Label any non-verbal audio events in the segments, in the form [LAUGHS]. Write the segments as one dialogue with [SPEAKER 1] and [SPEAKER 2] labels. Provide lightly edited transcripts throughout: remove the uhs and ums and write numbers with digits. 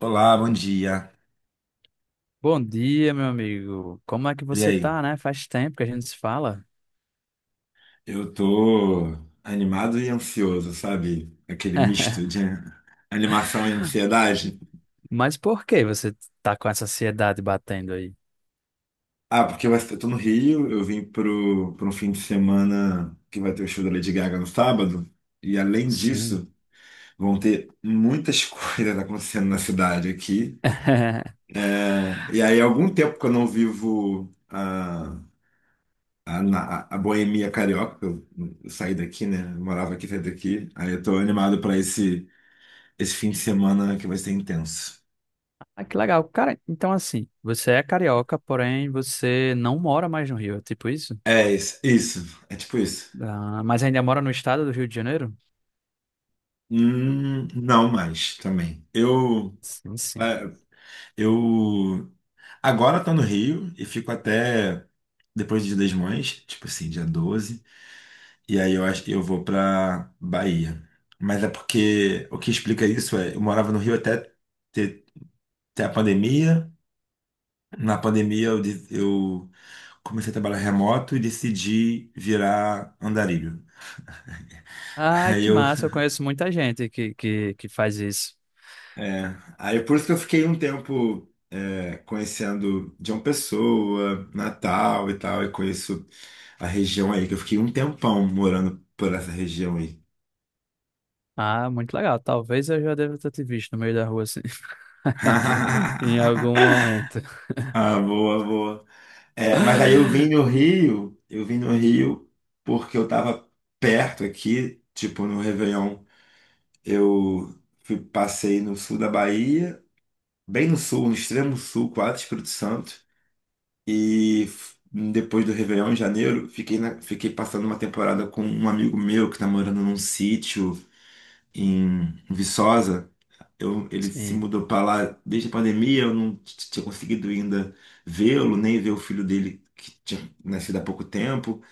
[SPEAKER 1] Olá, bom dia.
[SPEAKER 2] Bom dia, meu amigo. Como é que
[SPEAKER 1] E
[SPEAKER 2] você
[SPEAKER 1] aí?
[SPEAKER 2] tá, né? Faz tempo que a gente se fala.
[SPEAKER 1] Eu tô animado e ansioso, sabe? Aquele misto de [LAUGHS] animação e ansiedade.
[SPEAKER 2] Mas por que você tá com essa ansiedade batendo aí?
[SPEAKER 1] Ah, porque eu tô no Rio, eu vim pro um fim de semana que vai ter o show da Lady Gaga no sábado. E além
[SPEAKER 2] Sim.
[SPEAKER 1] disso, vão ter muitas [LAUGHS] coisas acontecendo na cidade aqui,
[SPEAKER 2] [LAUGHS]
[SPEAKER 1] né? E aí, há algum tempo que eu não vivo a boemia carioca, eu saí daqui, né? Eu morava aqui, saí daqui. Aí eu tô animado pra esse fim de semana que vai ser intenso.
[SPEAKER 2] Ah, que legal. Cara, então assim, você é carioca, porém você não mora mais no Rio, é tipo isso?
[SPEAKER 1] É isso, isso, é tipo isso.
[SPEAKER 2] Ah, mas ainda mora no estado do Rio de Janeiro?
[SPEAKER 1] Não mais também.
[SPEAKER 2] Sim, sim.
[SPEAKER 1] É, eu agora tô no Rio e fico até depois do Dia das Mães, tipo assim, dia 12 e aí eu acho que eu vou pra Bahia. Mas é porque o que explica isso é, eu morava no Rio até ter, ter a pandemia. Na pandemia eu comecei a trabalhar remoto e decidi virar andarilho.
[SPEAKER 2] Ah,
[SPEAKER 1] Aí
[SPEAKER 2] que
[SPEAKER 1] eu
[SPEAKER 2] massa. Eu conheço muita gente que faz isso.
[SPEAKER 1] É, aí por isso que eu fiquei um tempo conhecendo João Pessoa, Natal e tal, e conheço a região aí, que eu fiquei um tempão morando por essa região aí.
[SPEAKER 2] Ah, muito legal. Talvez eu já deva ter te visto no meio da rua, assim. [LAUGHS] Em algum
[SPEAKER 1] [LAUGHS]
[SPEAKER 2] momento.
[SPEAKER 1] Ah, boa, boa. É, mas aí eu vim no
[SPEAKER 2] [LAUGHS]
[SPEAKER 1] Rio, eu vim no Rio porque eu tava perto aqui, tipo no Réveillon. Eu fui, passei no sul da Bahia, bem no sul, no extremo sul, quase Espírito Santo. E depois do Réveillon, em janeiro, fiquei passando uma temporada com um amigo meu que tá morando num sítio em Viçosa. Ele se
[SPEAKER 2] Sim.
[SPEAKER 1] mudou pra lá desde a pandemia, eu não tinha conseguido ainda vê-lo, nem ver o filho dele que tinha nascido há pouco tempo.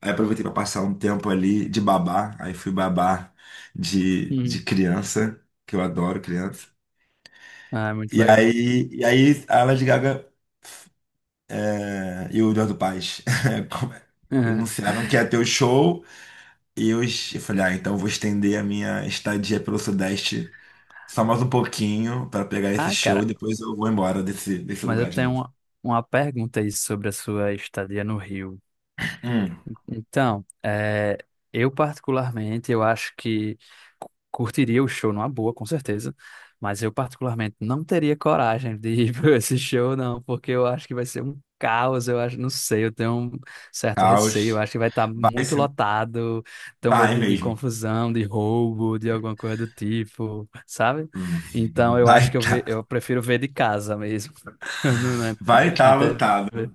[SPEAKER 1] Aí aproveitei para passar um tempo ali de babá, aí fui babá de
[SPEAKER 2] Uhum.
[SPEAKER 1] criança, que eu adoro criança.
[SPEAKER 2] Ah, é muito
[SPEAKER 1] E
[SPEAKER 2] legal.
[SPEAKER 1] aí, e aí a Lady Gaga e o Eduardo Paes [LAUGHS] anunciaram que ia ter o
[SPEAKER 2] [LAUGHS]
[SPEAKER 1] show e eu falei, ah, então eu vou estender a minha estadia pelo Sudeste só mais um pouquinho para pegar esse
[SPEAKER 2] Ah,
[SPEAKER 1] show e
[SPEAKER 2] cara,
[SPEAKER 1] depois eu vou embora desse
[SPEAKER 2] mas eu
[SPEAKER 1] lugar de
[SPEAKER 2] tenho
[SPEAKER 1] novo.
[SPEAKER 2] uma pergunta aí sobre a sua estadia no Rio.
[SPEAKER 1] Hum,
[SPEAKER 2] Então, é, eu particularmente, eu acho que curtiria o show numa boa, com certeza, mas eu particularmente não teria coragem de ir [LAUGHS] para esse show, não, porque eu acho que vai ser um caos, eu acho, não sei, eu tenho um certo receio, eu
[SPEAKER 1] caos.
[SPEAKER 2] acho que vai estar
[SPEAKER 1] Vai
[SPEAKER 2] muito
[SPEAKER 1] ser, um-
[SPEAKER 2] lotado, tenho medo
[SPEAKER 1] vai
[SPEAKER 2] de
[SPEAKER 1] mesmo.
[SPEAKER 2] confusão, de roubo, de alguma coisa do tipo, sabe? Então, eu
[SPEAKER 1] Vai
[SPEAKER 2] acho que
[SPEAKER 1] tá,
[SPEAKER 2] eu prefiro ver de casa mesmo, [LAUGHS] no- na,
[SPEAKER 1] vai tá
[SPEAKER 2] na
[SPEAKER 1] lotado.
[SPEAKER 2] TV.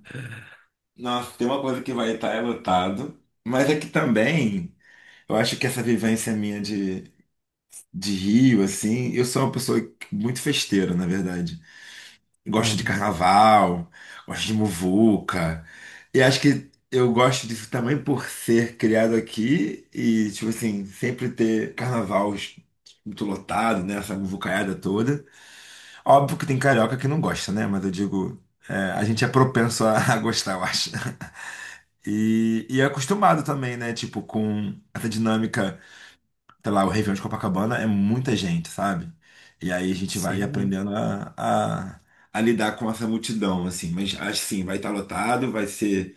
[SPEAKER 1] Nossa, tem uma coisa que vai estar é lotado, mas é que também eu acho que essa vivência minha de Rio, assim, eu sou uma pessoa muito festeira, na verdade. Gosto de
[SPEAKER 2] Aham.
[SPEAKER 1] carnaval, gosto de muvuca. E acho que eu gosto disso também por ser criado aqui e, tipo assim, sempre ter carnaval muito lotado, né? Essa muvucaiada toda. Óbvio que tem carioca que não gosta, né? Mas eu digo, é, a gente é propenso [LAUGHS] a gostar, eu acho. E é acostumado também, né? Tipo, com essa dinâmica, sei lá, o Réveillon de Copacabana é muita gente, sabe? E aí a gente vai
[SPEAKER 2] Sim.
[SPEAKER 1] aprendendo a lidar com essa multidão, assim. Mas assim, vai estar lotado, vai ser,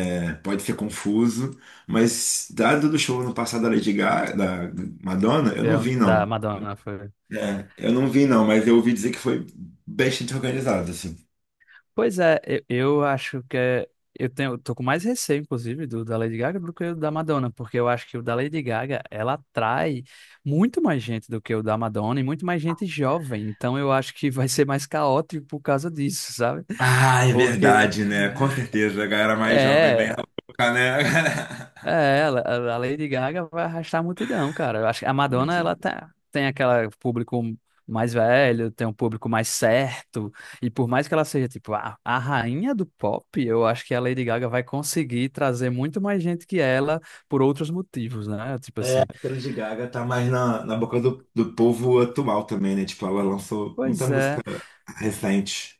[SPEAKER 1] pode ser confuso, mas dado do show no passado da Lady Gaga, da Madonna, eu não vi
[SPEAKER 2] Da
[SPEAKER 1] não.
[SPEAKER 2] Madonna, foi.
[SPEAKER 1] É, eu não vi não, mas eu ouvi dizer que foi bastante organizado, assim.
[SPEAKER 2] Pois é, eu acho que eu tenho, eu tô com mais receio, inclusive, do da Lady Gaga do que o da Madonna, porque eu acho que o da Lady Gaga, ela atrai muito mais gente do que o da Madonna e muito mais gente jovem. Então eu acho que vai ser mais caótico por causa disso, sabe?
[SPEAKER 1] Ah, é
[SPEAKER 2] Porque
[SPEAKER 1] verdade, né? Com certeza, a galera mais jovem bem
[SPEAKER 2] é,
[SPEAKER 1] louca, né? [LAUGHS]
[SPEAKER 2] É, a Lady Gaga vai arrastar a multidão, cara. Eu acho que a Madonna,
[SPEAKER 1] Muito.
[SPEAKER 2] ela tá, tem aquele público mais velho, tem um público mais certo, e por mais que ela seja, tipo, a rainha do pop, eu acho que a Lady Gaga vai conseguir trazer muito mais gente que ela por outros motivos, né? Tipo
[SPEAKER 1] É
[SPEAKER 2] assim.
[SPEAKER 1] porque a Lady Gaga tá mais na boca do povo atual também, né? Tipo, ela lançou muita
[SPEAKER 2] Pois
[SPEAKER 1] música
[SPEAKER 2] é.
[SPEAKER 1] recente.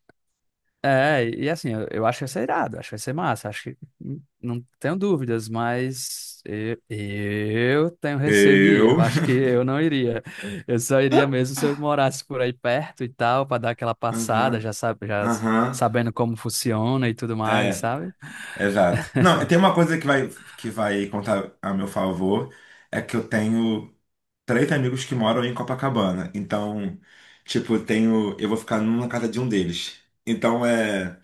[SPEAKER 2] É, e assim, eu acho que vai ser irado, acho que vai ser massa, acho que não tenho dúvidas, mas eu tenho receio de ir,
[SPEAKER 1] Eu.
[SPEAKER 2] eu acho que eu não iria. Eu só iria mesmo se eu morasse por aí perto e tal, para dar aquela
[SPEAKER 1] Aham,
[SPEAKER 2] passada, já sabe,
[SPEAKER 1] aham.
[SPEAKER 2] sabendo como funciona e tudo mais,
[SPEAKER 1] É,
[SPEAKER 2] sabe?
[SPEAKER 1] exato. Não, tem uma coisa que que vai contar a meu favor, é que eu tenho três amigos que moram em Copacabana. Então, tipo, eu tenho. Eu vou ficar numa casa de um deles. Então é.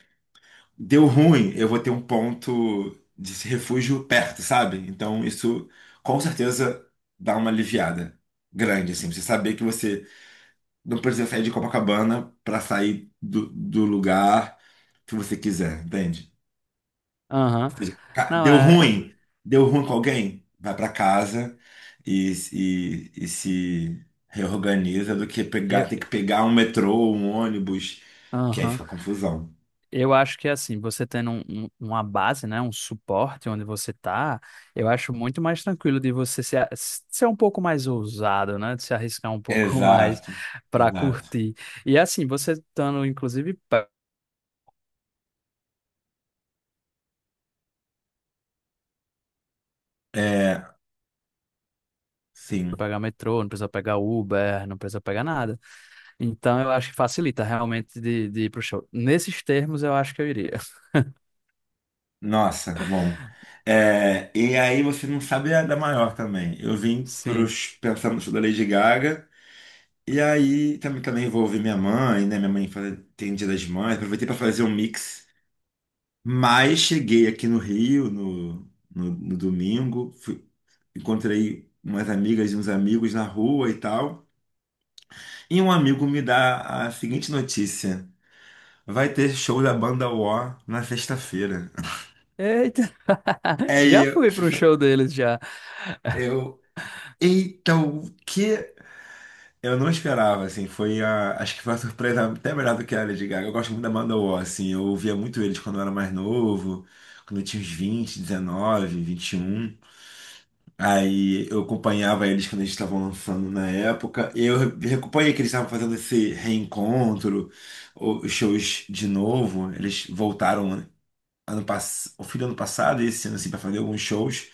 [SPEAKER 1] Deu ruim, eu vou ter um ponto de refúgio perto, sabe? Então isso com certeza dá uma aliviada grande, assim. Você saber que você não precisa sair de Copacabana para sair do lugar que você quiser, entende?
[SPEAKER 2] Aham.
[SPEAKER 1] Ca-
[SPEAKER 2] Não,
[SPEAKER 1] Deu
[SPEAKER 2] é,
[SPEAKER 1] ruim, deu ruim com alguém, vai para casa e se reorganiza do que pegar,
[SPEAKER 2] eu,
[SPEAKER 1] ter que pegar um metrô, um ônibus, que aí
[SPEAKER 2] aham.
[SPEAKER 1] fica confusão.
[SPEAKER 2] Eu acho que assim, você tendo uma base, né, um suporte onde você tá, eu acho muito mais tranquilo de você se a- ser um pouco mais ousado, né, de se arriscar um pouco [LAUGHS] mais
[SPEAKER 1] Exato,
[SPEAKER 2] para
[SPEAKER 1] exato.
[SPEAKER 2] curtir. E assim, você estando inclusive
[SPEAKER 1] É, sim.
[SPEAKER 2] pegar metrô, não precisa pegar Uber, não precisa pegar nada. Então eu acho que facilita realmente de ir pro show. Nesses termos eu acho que eu iria. [LAUGHS]
[SPEAKER 1] Nossa, bom. É, e aí você não sabe a da maior também. Eu vim
[SPEAKER 2] Sim.
[SPEAKER 1] pensando no show da Lady Gaga. E aí também envolvi minha mãe, né? Minha mãe tem Dia das Mães. Aproveitei para fazer um mix. Mas cheguei aqui no Rio no domingo. Encontrei umas amigas e uns amigos na rua e tal. E um amigo me dá a seguinte notícia. Vai ter show da banda War na sexta-feira. [LAUGHS]
[SPEAKER 2] Eita! [LAUGHS] Já
[SPEAKER 1] É,
[SPEAKER 2] fui para um show deles já.
[SPEAKER 1] eu, Eita, o que eu não esperava, assim, foi. Acho que foi uma surpresa até melhor do que a Lady Gaga. Eu gosto muito da banda War, assim, eu ouvia muito eles quando eu era mais novo, quando eu tinha uns 20 19, 21. Aí eu acompanhava eles quando eles estavam lançando na época. E eu acompanhei que eles estavam fazendo esse reencontro, os shows de novo. Eles voltaram o fim do ano passado, esse ano assim, pra fazer alguns shows.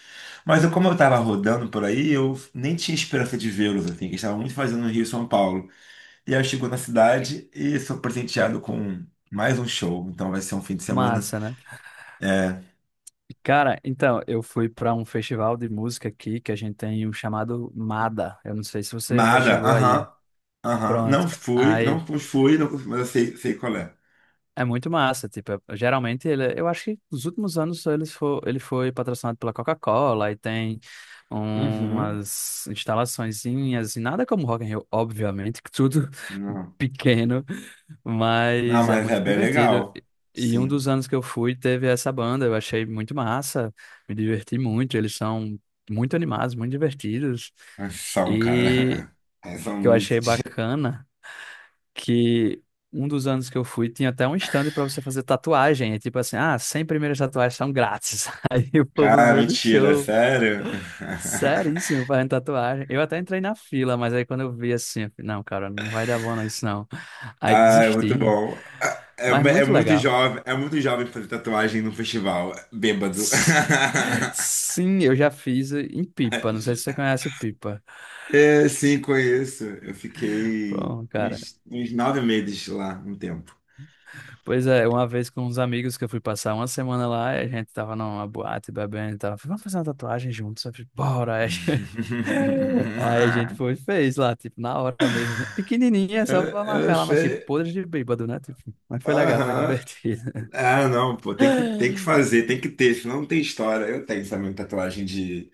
[SPEAKER 1] Mas eu, como eu tava rodando por aí, eu nem tinha esperança de vê-los, assim, que eles estavam muito fazendo no Rio e São Paulo. E aí eu chego na cidade e sou presenteado com mais um show. Então vai ser um fim de semana.
[SPEAKER 2] Massa, né?
[SPEAKER 1] É.
[SPEAKER 2] Cara, então, eu fui para um festival de música aqui que a gente tem um chamado MADA. Eu não sei se você já
[SPEAKER 1] Mada,
[SPEAKER 2] chegou aí.
[SPEAKER 1] aham, aham. Não
[SPEAKER 2] Pronto.
[SPEAKER 1] fui,
[SPEAKER 2] Aí
[SPEAKER 1] não fui, não, mas eu sei, qual é.
[SPEAKER 2] é muito massa, tipo, geralmente ele, eu acho que nos últimos anos ele foi patrocinado pela Coca-Cola e tem
[SPEAKER 1] Uhum.
[SPEAKER 2] umas instalaçõezinhas e nada como Rock in Rio, obviamente, que tudo [LAUGHS]
[SPEAKER 1] Não.
[SPEAKER 2] pequeno.
[SPEAKER 1] Não,
[SPEAKER 2] Mas é
[SPEAKER 1] mas é
[SPEAKER 2] muito
[SPEAKER 1] bem
[SPEAKER 2] divertido.
[SPEAKER 1] legal.
[SPEAKER 2] E um
[SPEAKER 1] Sim.
[SPEAKER 2] dos anos que eu fui teve essa banda, eu achei muito massa, me diverti muito. Eles são muito animados, muito divertidos.
[SPEAKER 1] Mas São,
[SPEAKER 2] E
[SPEAKER 1] cara. [LAUGHS] Mas
[SPEAKER 2] o
[SPEAKER 1] São
[SPEAKER 2] que eu
[SPEAKER 1] muito.
[SPEAKER 2] achei bacana que um dos anos que eu fui tinha até um stand para você fazer tatuagem. É tipo assim, ah, 100 primeiras tatuagens são grátis. [LAUGHS] Aí o povo no
[SPEAKER 1] Cara,
[SPEAKER 2] meio do
[SPEAKER 1] mentira,
[SPEAKER 2] show,
[SPEAKER 1] sério? [LAUGHS]
[SPEAKER 2] seríssimo, fazendo tatuagem. Eu até entrei na fila, mas aí quando eu vi assim, eu falei, não, cara, não vai dar bom não, isso não. Aí
[SPEAKER 1] Ah, é muito
[SPEAKER 2] desisti.
[SPEAKER 1] bom. Ah, é,
[SPEAKER 2] Mas muito legal.
[SPEAKER 1] é muito jovem fazer tatuagem num festival, bêbado.
[SPEAKER 2] Sim, [LAUGHS]
[SPEAKER 1] [LAUGHS]
[SPEAKER 2] sim, eu já fiz em Pipa. Não sei se você conhece Pipa.
[SPEAKER 1] É, sim, conheço. Eu fiquei
[SPEAKER 2] Bom, cara.
[SPEAKER 1] uns 9 meses lá, um tempo.
[SPEAKER 2] Pois é, uma vez com uns amigos que eu fui passar uma semana lá, e a gente tava numa boate bebendo e tava, vamos fazer uma tatuagem juntos. Eu falei, bora. Aí [LAUGHS] aí a
[SPEAKER 1] [LAUGHS]
[SPEAKER 2] gente foi e fez lá, tipo, na hora mesmo. Assim, pequenininha, só pra
[SPEAKER 1] Eu, eu
[SPEAKER 2] marcar lá, mas tipo,
[SPEAKER 1] sei.
[SPEAKER 2] podre de bêbado, né? Tipo, mas foi legal, foi
[SPEAKER 1] Aham.
[SPEAKER 2] divertido.
[SPEAKER 1] Ah, não, pô, tem que
[SPEAKER 2] [LAUGHS]
[SPEAKER 1] fazer, tem que ter, senão não tem história. Eu tenho, sabe, uma tatuagem de,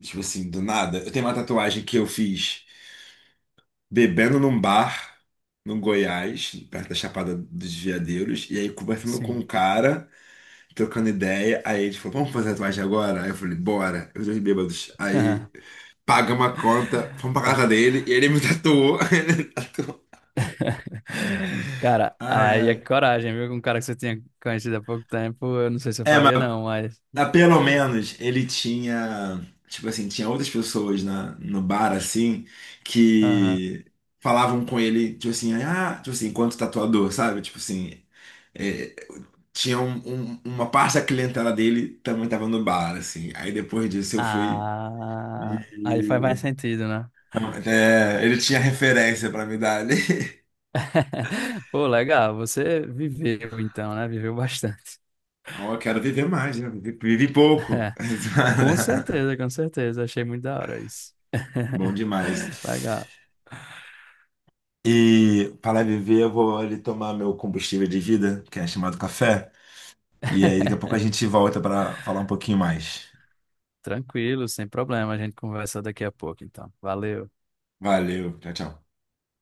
[SPEAKER 1] tipo assim, do nada. Eu tenho uma tatuagem que eu fiz, bebendo num bar no Goiás, perto da Chapada dos Veadeiros, e aí conversando com um
[SPEAKER 2] Sim.
[SPEAKER 1] cara, trocando ideia, aí ele falou, vamos fazer tatuagem agora? Aí eu falei, bora, os dois bêbados. Aí
[SPEAKER 2] [LAUGHS]
[SPEAKER 1] paga uma conta, fomos pra
[SPEAKER 2] Ah,
[SPEAKER 1] casa dele, e ele me tatuou, [LAUGHS] ele me tatuou.
[SPEAKER 2] [LAUGHS] cara,
[SPEAKER 1] Ai,
[SPEAKER 2] aí é
[SPEAKER 1] ai.
[SPEAKER 2] coragem, viu? Com um cara que você tinha conhecido há pouco tempo, eu não sei se eu
[SPEAKER 1] É, mas
[SPEAKER 2] faria, não, mas.
[SPEAKER 1] mas pelo menos ele tinha, tipo assim, tinha outras pessoas no bar, assim,
[SPEAKER 2] Aham.
[SPEAKER 1] que falavam com ele, tipo assim, ah, tipo assim, enquanto tatuador, sabe? Tipo assim, é, tinha uma parte da clientela dele também estava no bar, assim. Aí depois disso eu fui.
[SPEAKER 2] Ah, aí faz mais
[SPEAKER 1] E-
[SPEAKER 2] sentido, né?
[SPEAKER 1] É, ele tinha referência pra me dar ali. [LAUGHS]
[SPEAKER 2] [LAUGHS] Pô, legal, você viveu então, né? Viveu bastante.
[SPEAKER 1] Ó, eu quero viver mais, né? Vivi pouco.
[SPEAKER 2] [LAUGHS] Com
[SPEAKER 1] [LAUGHS]
[SPEAKER 2] certeza, com certeza. Achei muito da hora isso.
[SPEAKER 1] Bom demais.
[SPEAKER 2] [LAUGHS] Legal.
[SPEAKER 1] E para viver, eu vou ali tomar meu combustível de vida, que é chamado café. E aí, daqui a pouco a
[SPEAKER 2] [LAUGHS]
[SPEAKER 1] gente volta para falar um pouquinho mais.
[SPEAKER 2] Tranquilo, sem problema. A gente conversa daqui a pouco, então. Valeu.
[SPEAKER 1] Valeu, tchau, tchau.